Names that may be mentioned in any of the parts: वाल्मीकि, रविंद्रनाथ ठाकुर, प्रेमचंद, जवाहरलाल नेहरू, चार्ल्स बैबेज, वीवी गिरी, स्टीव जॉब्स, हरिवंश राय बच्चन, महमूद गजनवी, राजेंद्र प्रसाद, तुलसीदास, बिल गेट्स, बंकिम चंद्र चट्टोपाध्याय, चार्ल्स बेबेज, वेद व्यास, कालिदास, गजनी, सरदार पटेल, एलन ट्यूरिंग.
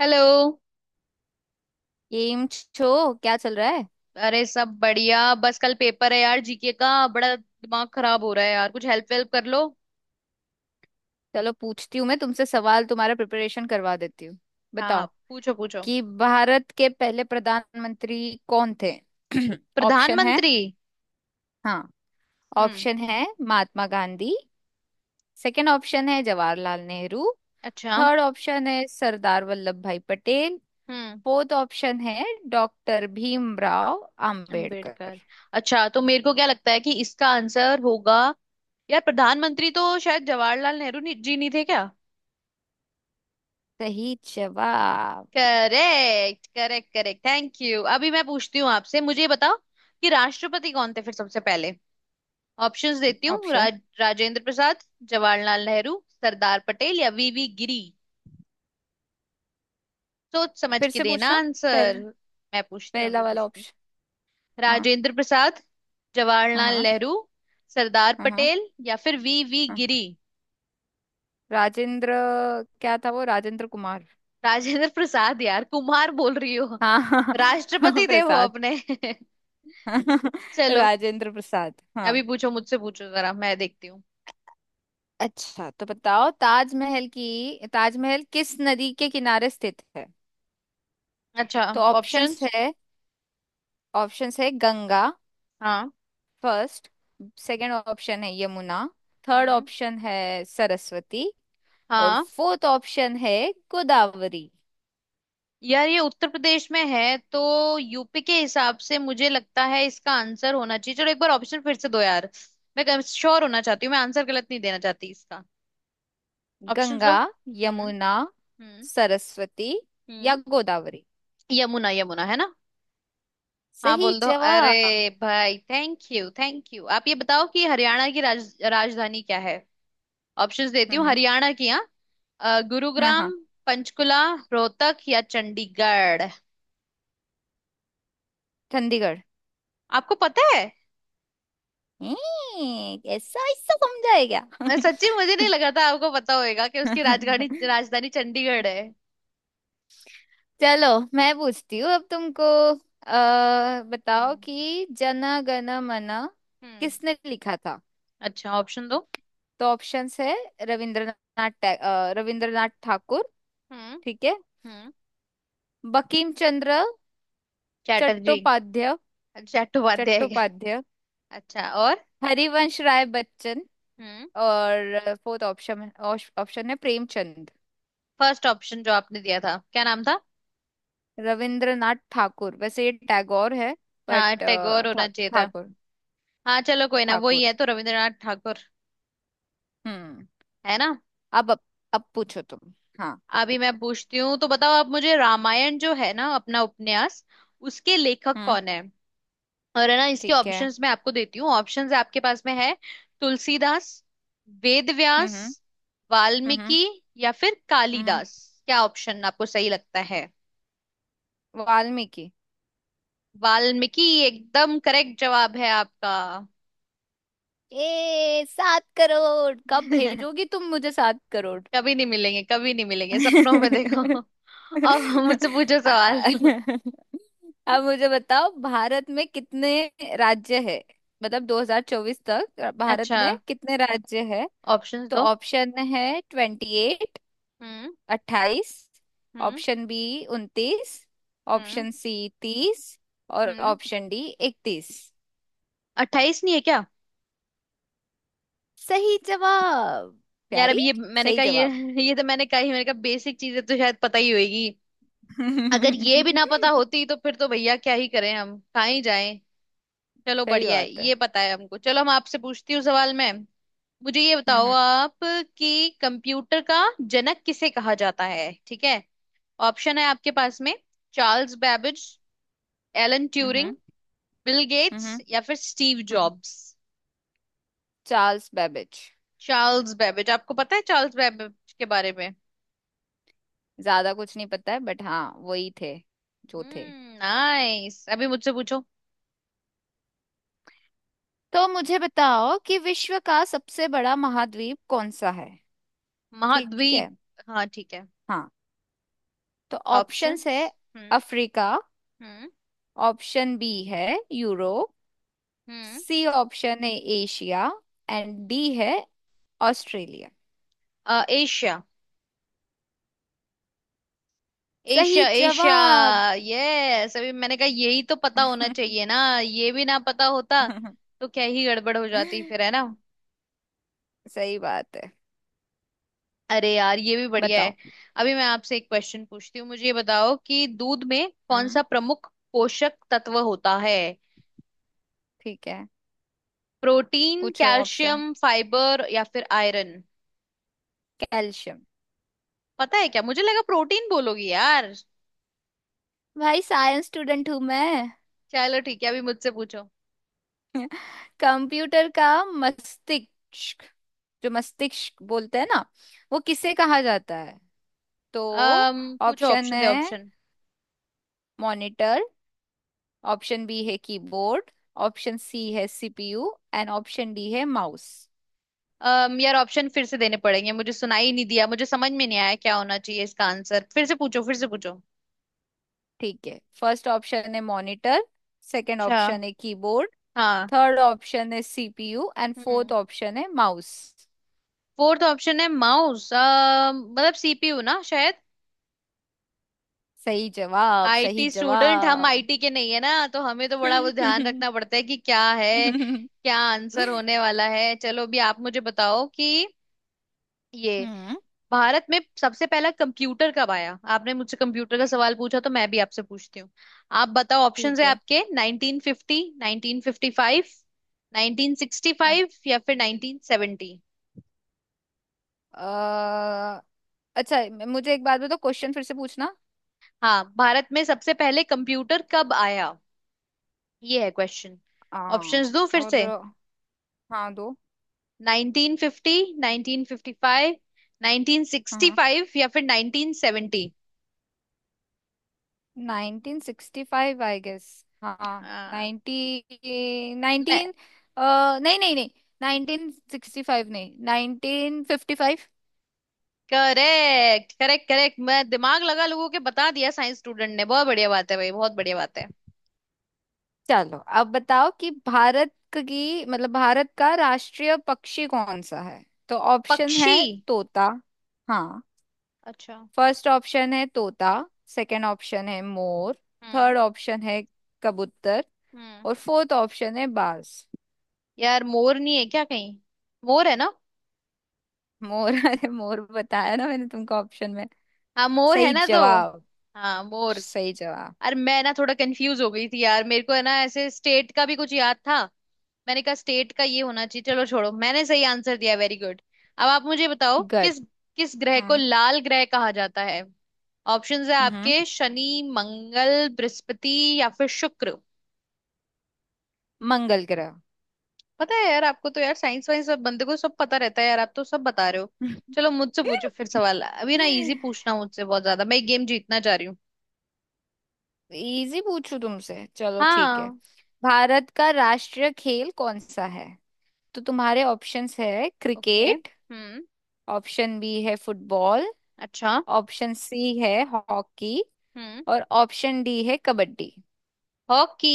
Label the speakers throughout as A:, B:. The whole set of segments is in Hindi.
A: हेलो।
B: एम छो क्या चल रहा है।
A: अरे सब बढ़िया बस कल पेपर है यार, जीके का बड़ा दिमाग खराब हो रहा है यार, कुछ हेल्प वेल्प कर लो।
B: चलो, पूछती हूँ मैं तुमसे सवाल, तुम्हारा प्रिपरेशन करवा देती हूँ।
A: हाँ हाँ,
B: बताओ
A: पूछो पूछो।
B: कि भारत के पहले प्रधानमंत्री कौन थे? ऑप्शन है।
A: प्रधानमंत्री।
B: हाँ,
A: हम्म।
B: ऑप्शन है महात्मा गांधी। सेकंड ऑप्शन है जवाहरलाल नेहरू।
A: अच्छा।
B: थर्ड ऑप्शन है सरदार वल्लभ भाई पटेल।
A: हम्म।
B: फोर्थ ऑप्शन है डॉक्टर भीमराव अंबेडकर।
A: अम्बेडकर। अच्छा तो मेरे को क्या लगता है कि इसका आंसर होगा। यार प्रधानमंत्री तो शायद जवाहरलाल नेहरू जी नहीं थे क्या।
B: सही जवाब।
A: Correct correct correct, thank you. अभी मैं पूछती हूँ आपसे, मुझे ये बताओ कि राष्ट्रपति कौन थे फिर सबसे पहले। ऑप्शंस देती हूँ,
B: ऑप्शन
A: राजेंद्र प्रसाद, जवाहरलाल नेहरू, सरदार पटेल या वीवी गिरी। सोच समझ
B: फिर
A: के
B: से
A: देना
B: पूछना।
A: आंसर।
B: पहला,
A: मैं पूछती हूँ, अभी
B: पहला वाला
A: पूछती हूँ।
B: ऑप्शन। हाँ।
A: राजेंद्र प्रसाद, जवाहरलाल
B: हाँ।
A: नेहरू, सरदार
B: हाँ। हाँ।
A: पटेल या फिर वीवी
B: हाँ।
A: गिरी
B: राजेंद्र, क्या था वो, राजेंद्र कुमार?
A: राजेंद्र प्रसाद यार, कुमार बोल रही हो।
B: हाँ, हाँ,
A: राष्ट्रपति देव हो
B: प्रसाद।
A: अपने। चलो,
B: राजेंद्र प्रसाद, हाँ।
A: अभी पूछो, मुझसे पूछो जरा, मैं देखती हूँ।
B: अच्छा तो बताओ, ताजमहल की, ताजमहल किस नदी के किनारे स्थित है?
A: अच्छा।
B: तो ऑप्शंस
A: ऑप्शंस।
B: है। ऑप्शंस है गंगा,
A: हाँ।
B: फर्स्ट। सेकंड ऑप्शन है यमुना। थर्ड
A: हम्म।
B: ऑप्शन है सरस्वती। और
A: हाँ।
B: फोर्थ ऑप्शन है गोदावरी।
A: यार ये उत्तर प्रदेश में है तो यूपी के हिसाब से मुझे लगता है इसका आंसर होना चाहिए। चलो एक बार ऑप्शन फिर से दो यार। मैं श्योर होना चाहती हूँ, मैं आंसर गलत नहीं देना चाहती इसका। ऑप्शन
B: गंगा,
A: दो। हम्म।
B: यमुना,
A: हम्म।
B: सरस्वती या
A: हम्म।
B: गोदावरी।
A: यमुना, यमुना है ना। हाँ
B: सही
A: बोल दो, अरे
B: जवाब।
A: भाई, थैंक यू थैंक यू। आप ये बताओ कि हरियाणा की राजधानी क्या है। ऑप्शंस देती हूँ
B: हम्म।
A: हरियाणा की। हाँ।
B: हाँ, हाँ।
A: गुरुग्राम, पंचकुला, रोहतक या चंडीगढ़।
B: चंडीगढ़।
A: आपको पता है।
B: ऐसा ऐसा समझा है क्या?
A: मैं सच्ची मुझे नहीं लगा था आपको पता होएगा कि उसकी राजधानी राजधानी चंडीगढ़ है।
B: चलो, मैं पूछती हूँ अब तुमको। बताओ
A: हम्म।
B: कि जन गण मन
A: हम्म।
B: किसने लिखा था।
A: अच्छा, ऑप्शन दो।
B: तो ऑप्शंस है रविंद्रनाथ रविंद्रनाथ ठाकुर।
A: हम्म।
B: ठीक है।
A: हम्म।
B: बंकिम चंद्र
A: चैटर्जी।
B: चट्टोपाध्याय।
A: चट्टोपाध्याय है क्या।
B: चट्टोपाध्याय।
A: अच्छा, और।
B: हरिवंश राय बच्चन।
A: हम्म।
B: और फोर्थ ऑप्शन, ऑप्शन है प्रेमचंद।
A: फर्स्ट ऑप्शन जो आपने दिया था क्या नाम था।
B: रविंद्रनाथ ठाकुर, वैसे ये टैगोर है, बट
A: हाँ टैगोर होना
B: ठा,
A: चाहिए था।
B: ठाकुर।
A: हाँ चलो कोई ना, वही
B: ठाकुर।
A: है तो, रविंद्रनाथ ठाकुर।
B: हम्म।
A: है ना।
B: अब अब, अब पूछो तुम। हाँ।
A: अभी मैं पूछती हूँ तो बताओ आप मुझे, रामायण जो है ना अपना उपन्यास, उसके लेखक
B: हम्म।
A: कौन है। और है ना, इसके
B: ठीक है।
A: ऑप्शंस मैं आपको देती हूँ, ऑप्शंस आपके पास में है। तुलसीदास, वेद व्यास,
B: हम्म। हम्म। हम्म।
A: वाल्मीकि या फिर
B: हम्म।
A: कालिदास। क्या ऑप्शन आपको सही लगता है।
B: वाल्मीकि।
A: वाल्मीकि एकदम करेक्ट जवाब है आपका।
B: ए, सात करोड़ कब भेजोगी तुम मुझे, सात करोड़?
A: कभी नहीं मिलेंगे, कभी नहीं मिलेंगे, सपनों में देखो। अब मुझसे पूछो सवाल।
B: अब मुझे बताओ भारत में कितने राज्य है, मतलब 2024 तक भारत
A: अच्छा,
B: में कितने राज्य है।
A: ऑप्शंस
B: तो
A: दो।
B: ऑप्शन है ट्वेंटी एट,
A: हम्म।
B: अट्ठाईस।
A: हम्म।
B: ऑप्शन बी, उनतीस।
A: हम्म।
B: ऑप्शन सी, तीस। और
A: हम्म।
B: ऑप्शन डी, इकतीस।
A: 28 नहीं है क्या।
B: सही जवाब,
A: यार अब
B: प्यारी।
A: ये मैंने
B: सही
A: कहा,
B: जवाब।
A: ये तो मैंने कहा ही, मैंने कहा बेसिक चीजें तो शायद पता ही होगी। अगर ये भी ना पता होती तो फिर तो भैया क्या ही करें, हम कहाँ ही जाएं। चलो
B: सही
A: बढ़िया है,
B: बात है।
A: ये पता है हमको। चलो हम आपसे पूछती हूँ सवाल मैं, मुझे ये बताओ
B: हम्म।
A: आप कि कंप्यूटर का जनक किसे कहा जाता है, ठीक है। ऑप्शन है आपके पास में, चार्ल्स बैबेज, एलन
B: हम्म।
A: ट्यूरिंग,
B: हम्म।
A: बिल गेट्स
B: हम्म।
A: या फिर स्टीव
B: हम्म।
A: Jobs.
B: चार्ल्स बेबेज।
A: चार्ल्स बैबेज। आपको पता है चार्ल्स बैबेज के बारे में।
B: ज्यादा कुछ नहीं पता है, बट हाँ, वही थे जो थे।
A: हम्म, नाइस। अभी मुझसे पूछो।
B: तो मुझे बताओ कि विश्व का सबसे बड़ा महाद्वीप कौन सा है। ठीक है।
A: महाद्वीप। हाँ ठीक है।
B: हाँ। तो ऑप्शंस
A: ऑप्शंस।
B: है
A: हम्म।
B: अफ्रीका।
A: हम्म।
B: ऑप्शन बी है यूरोप।
A: हम्म।
B: सी ऑप्शन है एशिया। एंड डी है ऑस्ट्रेलिया।
A: एशिया,
B: सही
A: एशिया एशिया।
B: जवाब।
A: यस, अभी मैंने कहा यही तो पता होना चाहिए ना। ये भी ना पता होता तो क्या ही गड़बड़ हो जाती फिर, है ना।
B: सही बात है।
A: अरे यार ये भी बढ़िया
B: बताओ।
A: है। अभी मैं आपसे एक क्वेश्चन पूछती हूँ, मुझे ये बताओ कि दूध में कौन
B: हम्म।
A: सा प्रमुख पोषक तत्व होता है।
B: ठीक है।
A: प्रोटीन,
B: पूछो ऑप्शन।
A: कैल्शियम, फाइबर या फिर आयरन।
B: कैल्शियम।
A: पता है क्या, मुझे लगा प्रोटीन बोलोगी यार।
B: भाई, साइंस स्टूडेंट हूं मैं।
A: चलो ठीक है, अभी मुझसे पूछो।
B: कंप्यूटर का मस्तिष्क, जो मस्तिष्क बोलते हैं ना, वो किसे कहा जाता है? तो
A: अम पूछो
B: ऑप्शन
A: ऑप्शन, दे
B: है
A: ऑप्शन।
B: मॉनिटर। ऑप्शन बी है कीबोर्ड। ऑप्शन सी है सीपीयू एंड ऑप्शन डी है माउस।
A: अम यार ऑप्शन फिर से देने पड़ेंगे, मुझे सुनाई नहीं दिया, मुझे समझ में नहीं आया क्या होना चाहिए इसका आंसर, फिर से पूछो फिर से पूछो।
B: ठीक है, फर्स्ट ऑप्शन है मॉनिटर। सेकंड
A: अच्छा।
B: ऑप्शन है कीबोर्ड।
A: हाँ।
B: थर्ड ऑप्शन है सीपीयू एंड फोर्थ
A: हम्म।
B: ऑप्शन है माउस।
A: फोर्थ ऑप्शन है माउस, मतलब सीपीयू ना शायद।
B: सही जवाब, सही
A: आईटी स्टूडेंट, हम
B: जवाब।
A: आईटी के नहीं है ना तो हमें तो बड़ा वो ध्यान रखना पड़ता है कि क्या है, क्या आंसर होने वाला है। चलो अभी आप मुझे बताओ कि ये
B: हम्म।
A: भारत में सबसे पहला कंप्यूटर कब आया, आपने मुझसे कंप्यूटर का सवाल पूछा तो मैं भी आपसे पूछती हूँ। आप बताओ, ऑप्शंस
B: ठीक
A: है
B: है।
A: आपके, 1950, 1955,
B: अ-
A: 1965 या फिर 1970।
B: अ, अच्छा, मुझे एक बात बताओ, क्वेश्चन फिर से पूछना।
A: हाँ भारत में सबसे पहले कंप्यूटर कब आया, ये है क्वेश्चन।
B: आ,
A: ऑप्शंस दो फिर
B: और
A: से,
B: हाँ, दो।
A: 1950, 1955,
B: हाँ। हाँ।
A: 1965 या फिर 1970।
B: Nineteen sixty five I guess. हाँ,
A: आ,
B: नाइनटी,
A: मैं,
B: नाइनटीन। नहीं, नहीं, नहीं। नाइनटीन सिक्सटी फाइव नहीं, nineteen fifty five.
A: Correct correct correct, मैं दिमाग लगा, लोगों के बता दिया साइंस स्टूडेंट ने, बहुत बढ़िया बात है भाई, बहुत बढ़िया बात है।
B: चलो अब बताओ कि भारत की, मतलब भारत का राष्ट्रीय पक्षी कौन सा है। तो ऑप्शन
A: पक्षी।
B: है तोता, हाँ।
A: अच्छा।
B: फर्स्ट ऑप्शन है तोता। सेकंड ऑप्शन है मोर।
A: हम्म।
B: थर्ड ऑप्शन है कबूतर।
A: हम्म।
B: और फोर्थ ऑप्शन है बाज।
A: यार मोर नहीं है क्या कहीं, मोर है ना।
B: मोर। अरे, मोर बताया ना मैंने तुमको ऑप्शन में।
A: हाँ मोर है
B: सही
A: ना तो।
B: जवाब,
A: हाँ मोर।
B: सही जवाब।
A: अरे मैं ना थोड़ा कंफ्यूज हो गई थी यार, मेरे को है ना ऐसे स्टेट का भी कुछ याद था। मैंने कहा स्टेट का ये होना चाहिए, चलो छोड़ो, मैंने सही आंसर दिया, वेरी गुड। अब आप मुझे बताओ
B: गुड।
A: किस किस ग्रह को
B: हाँ।
A: लाल ग्रह कहा जाता है। ऑप्शंस है
B: हम्म।
A: आपके, शनि, मंगल, बृहस्पति या फिर शुक्र।
B: मंगल ग्रह।
A: पता है यार आपको तो, यार साइंस वाइंस सब बंदे को सब पता रहता है यार, आप तो सब बता रहे हो। चलो मुझसे पूछो फिर सवाल, अभी ना इजी पूछना मुझसे बहुत ज्यादा, मैं गेम जीतना चाह रही हूँ।
B: इजी पूछू तुमसे, चलो ठीक है।
A: हाँ।
B: भारत का राष्ट्रीय खेल कौन सा है? तो तुम्हारे ऑप्शंस है
A: ओके,
B: क्रिकेट।
A: हम्म।
B: ऑप्शन बी है फुटबॉल।
A: अच्छा।
B: ऑप्शन सी है हॉकी।
A: हम्म।
B: और ऑप्शन डी है कबड्डी।
A: हॉकी।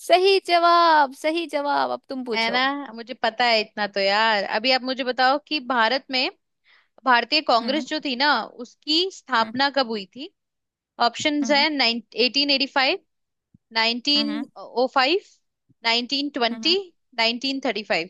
B: सही जवाब, सही जवाब। अब तुम
A: है
B: पूछो।
A: ना, मुझे पता है इतना तो यार। अभी आप मुझे बताओ कि भारत में, भारतीय
B: हम्म।
A: कांग्रेस जो थी ना, उसकी
B: हम्म।
A: स्थापना कब हुई थी। ऑप्शंस है,
B: हम्म।
A: 1885, नाइनटीन
B: हम्म।
A: ओ फाइव नाइनटीन
B: हम्म,
A: ट्वेंटी
B: हम्म।
A: 1935।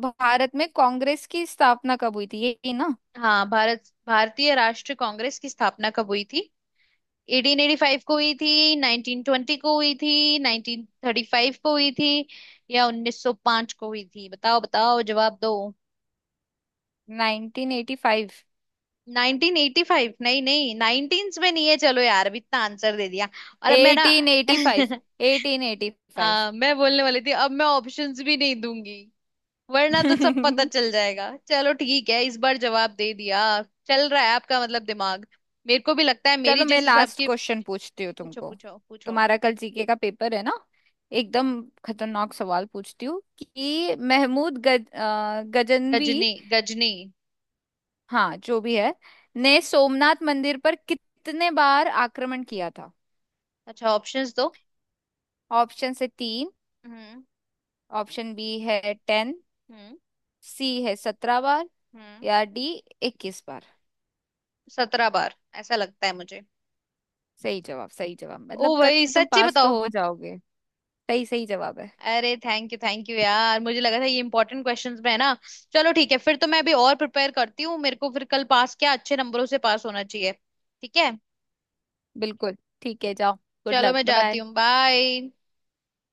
B: भारत में कांग्रेस की स्थापना कब हुई थी, यही ना?
A: हाँ भारत, भारतीय राष्ट्रीय कांग्रेस की स्थापना कब हुई थी, 1885 को हुई थी, 1920 को हुई थी, 1935 को हुई थी, या 1905 को हुई थी, बताओ बताओ जवाब दो।
B: Nineteen eighty five.
A: 1985 नहीं नहीं, 19s में नहीं है। चलो यार अब इतना आंसर दे दिया, और अब मैं ना
B: eighteen eighty five. Eighteen eighty five.
A: हाँ मैं बोलने वाली थी, अब मैं ऑप्शंस भी नहीं दूंगी, वरना तो सब पता चल जाएगा। चलो ठीक है, इस बार जवाब दे दिया। चल रहा है आपका मतलब दिमाग, मेरे को भी लगता है
B: चलो,
A: मेरी
B: मैं
A: जिस हिसाब
B: लास्ट
A: की।
B: क्वेश्चन पूछती हूँ
A: पूछो
B: तुमको।
A: पूछो पूछो।
B: तुम्हारा कल जीके का पेपर है ना, एकदम खतरनाक सवाल पूछती हूँ कि महमूद गजनवी,
A: गजनी गजनी।
B: हाँ जो भी है, ने सोमनाथ मंदिर पर कितने बार आक्रमण किया था?
A: अच्छा, ऑप्शंस दो।
B: ऑप्शन से तीन।
A: हम्म।
B: ऑप्शन बी है टेन।
A: हम्म।
B: सी है सत्रह बार।
A: हम्म।
B: या डी, इक्कीस बार।
A: 17 बार, ऐसा लगता है मुझे।
B: सही जवाब, सही जवाब। मतलब
A: ओ
B: कल
A: भाई
B: तुम
A: सच्ची
B: पास
A: बताओ।
B: तो हो जाओगे। सही, सही जवाब है।
A: अरे थैंक यू यार, मुझे लगा था ये इंपॉर्टेंट क्वेश्चंस में है ना। चलो ठीक है, फिर तो मैं अभी और प्रिपेयर करती हूँ, मेरे को फिर कल पास क्या अच्छे नंबरों से पास होना चाहिए, ठीक है।
B: बिल्कुल। ठीक है, जाओ। गुड
A: चलो
B: लक,
A: मैं
B: बाय
A: जाती
B: बाय।
A: हूँ, बाय।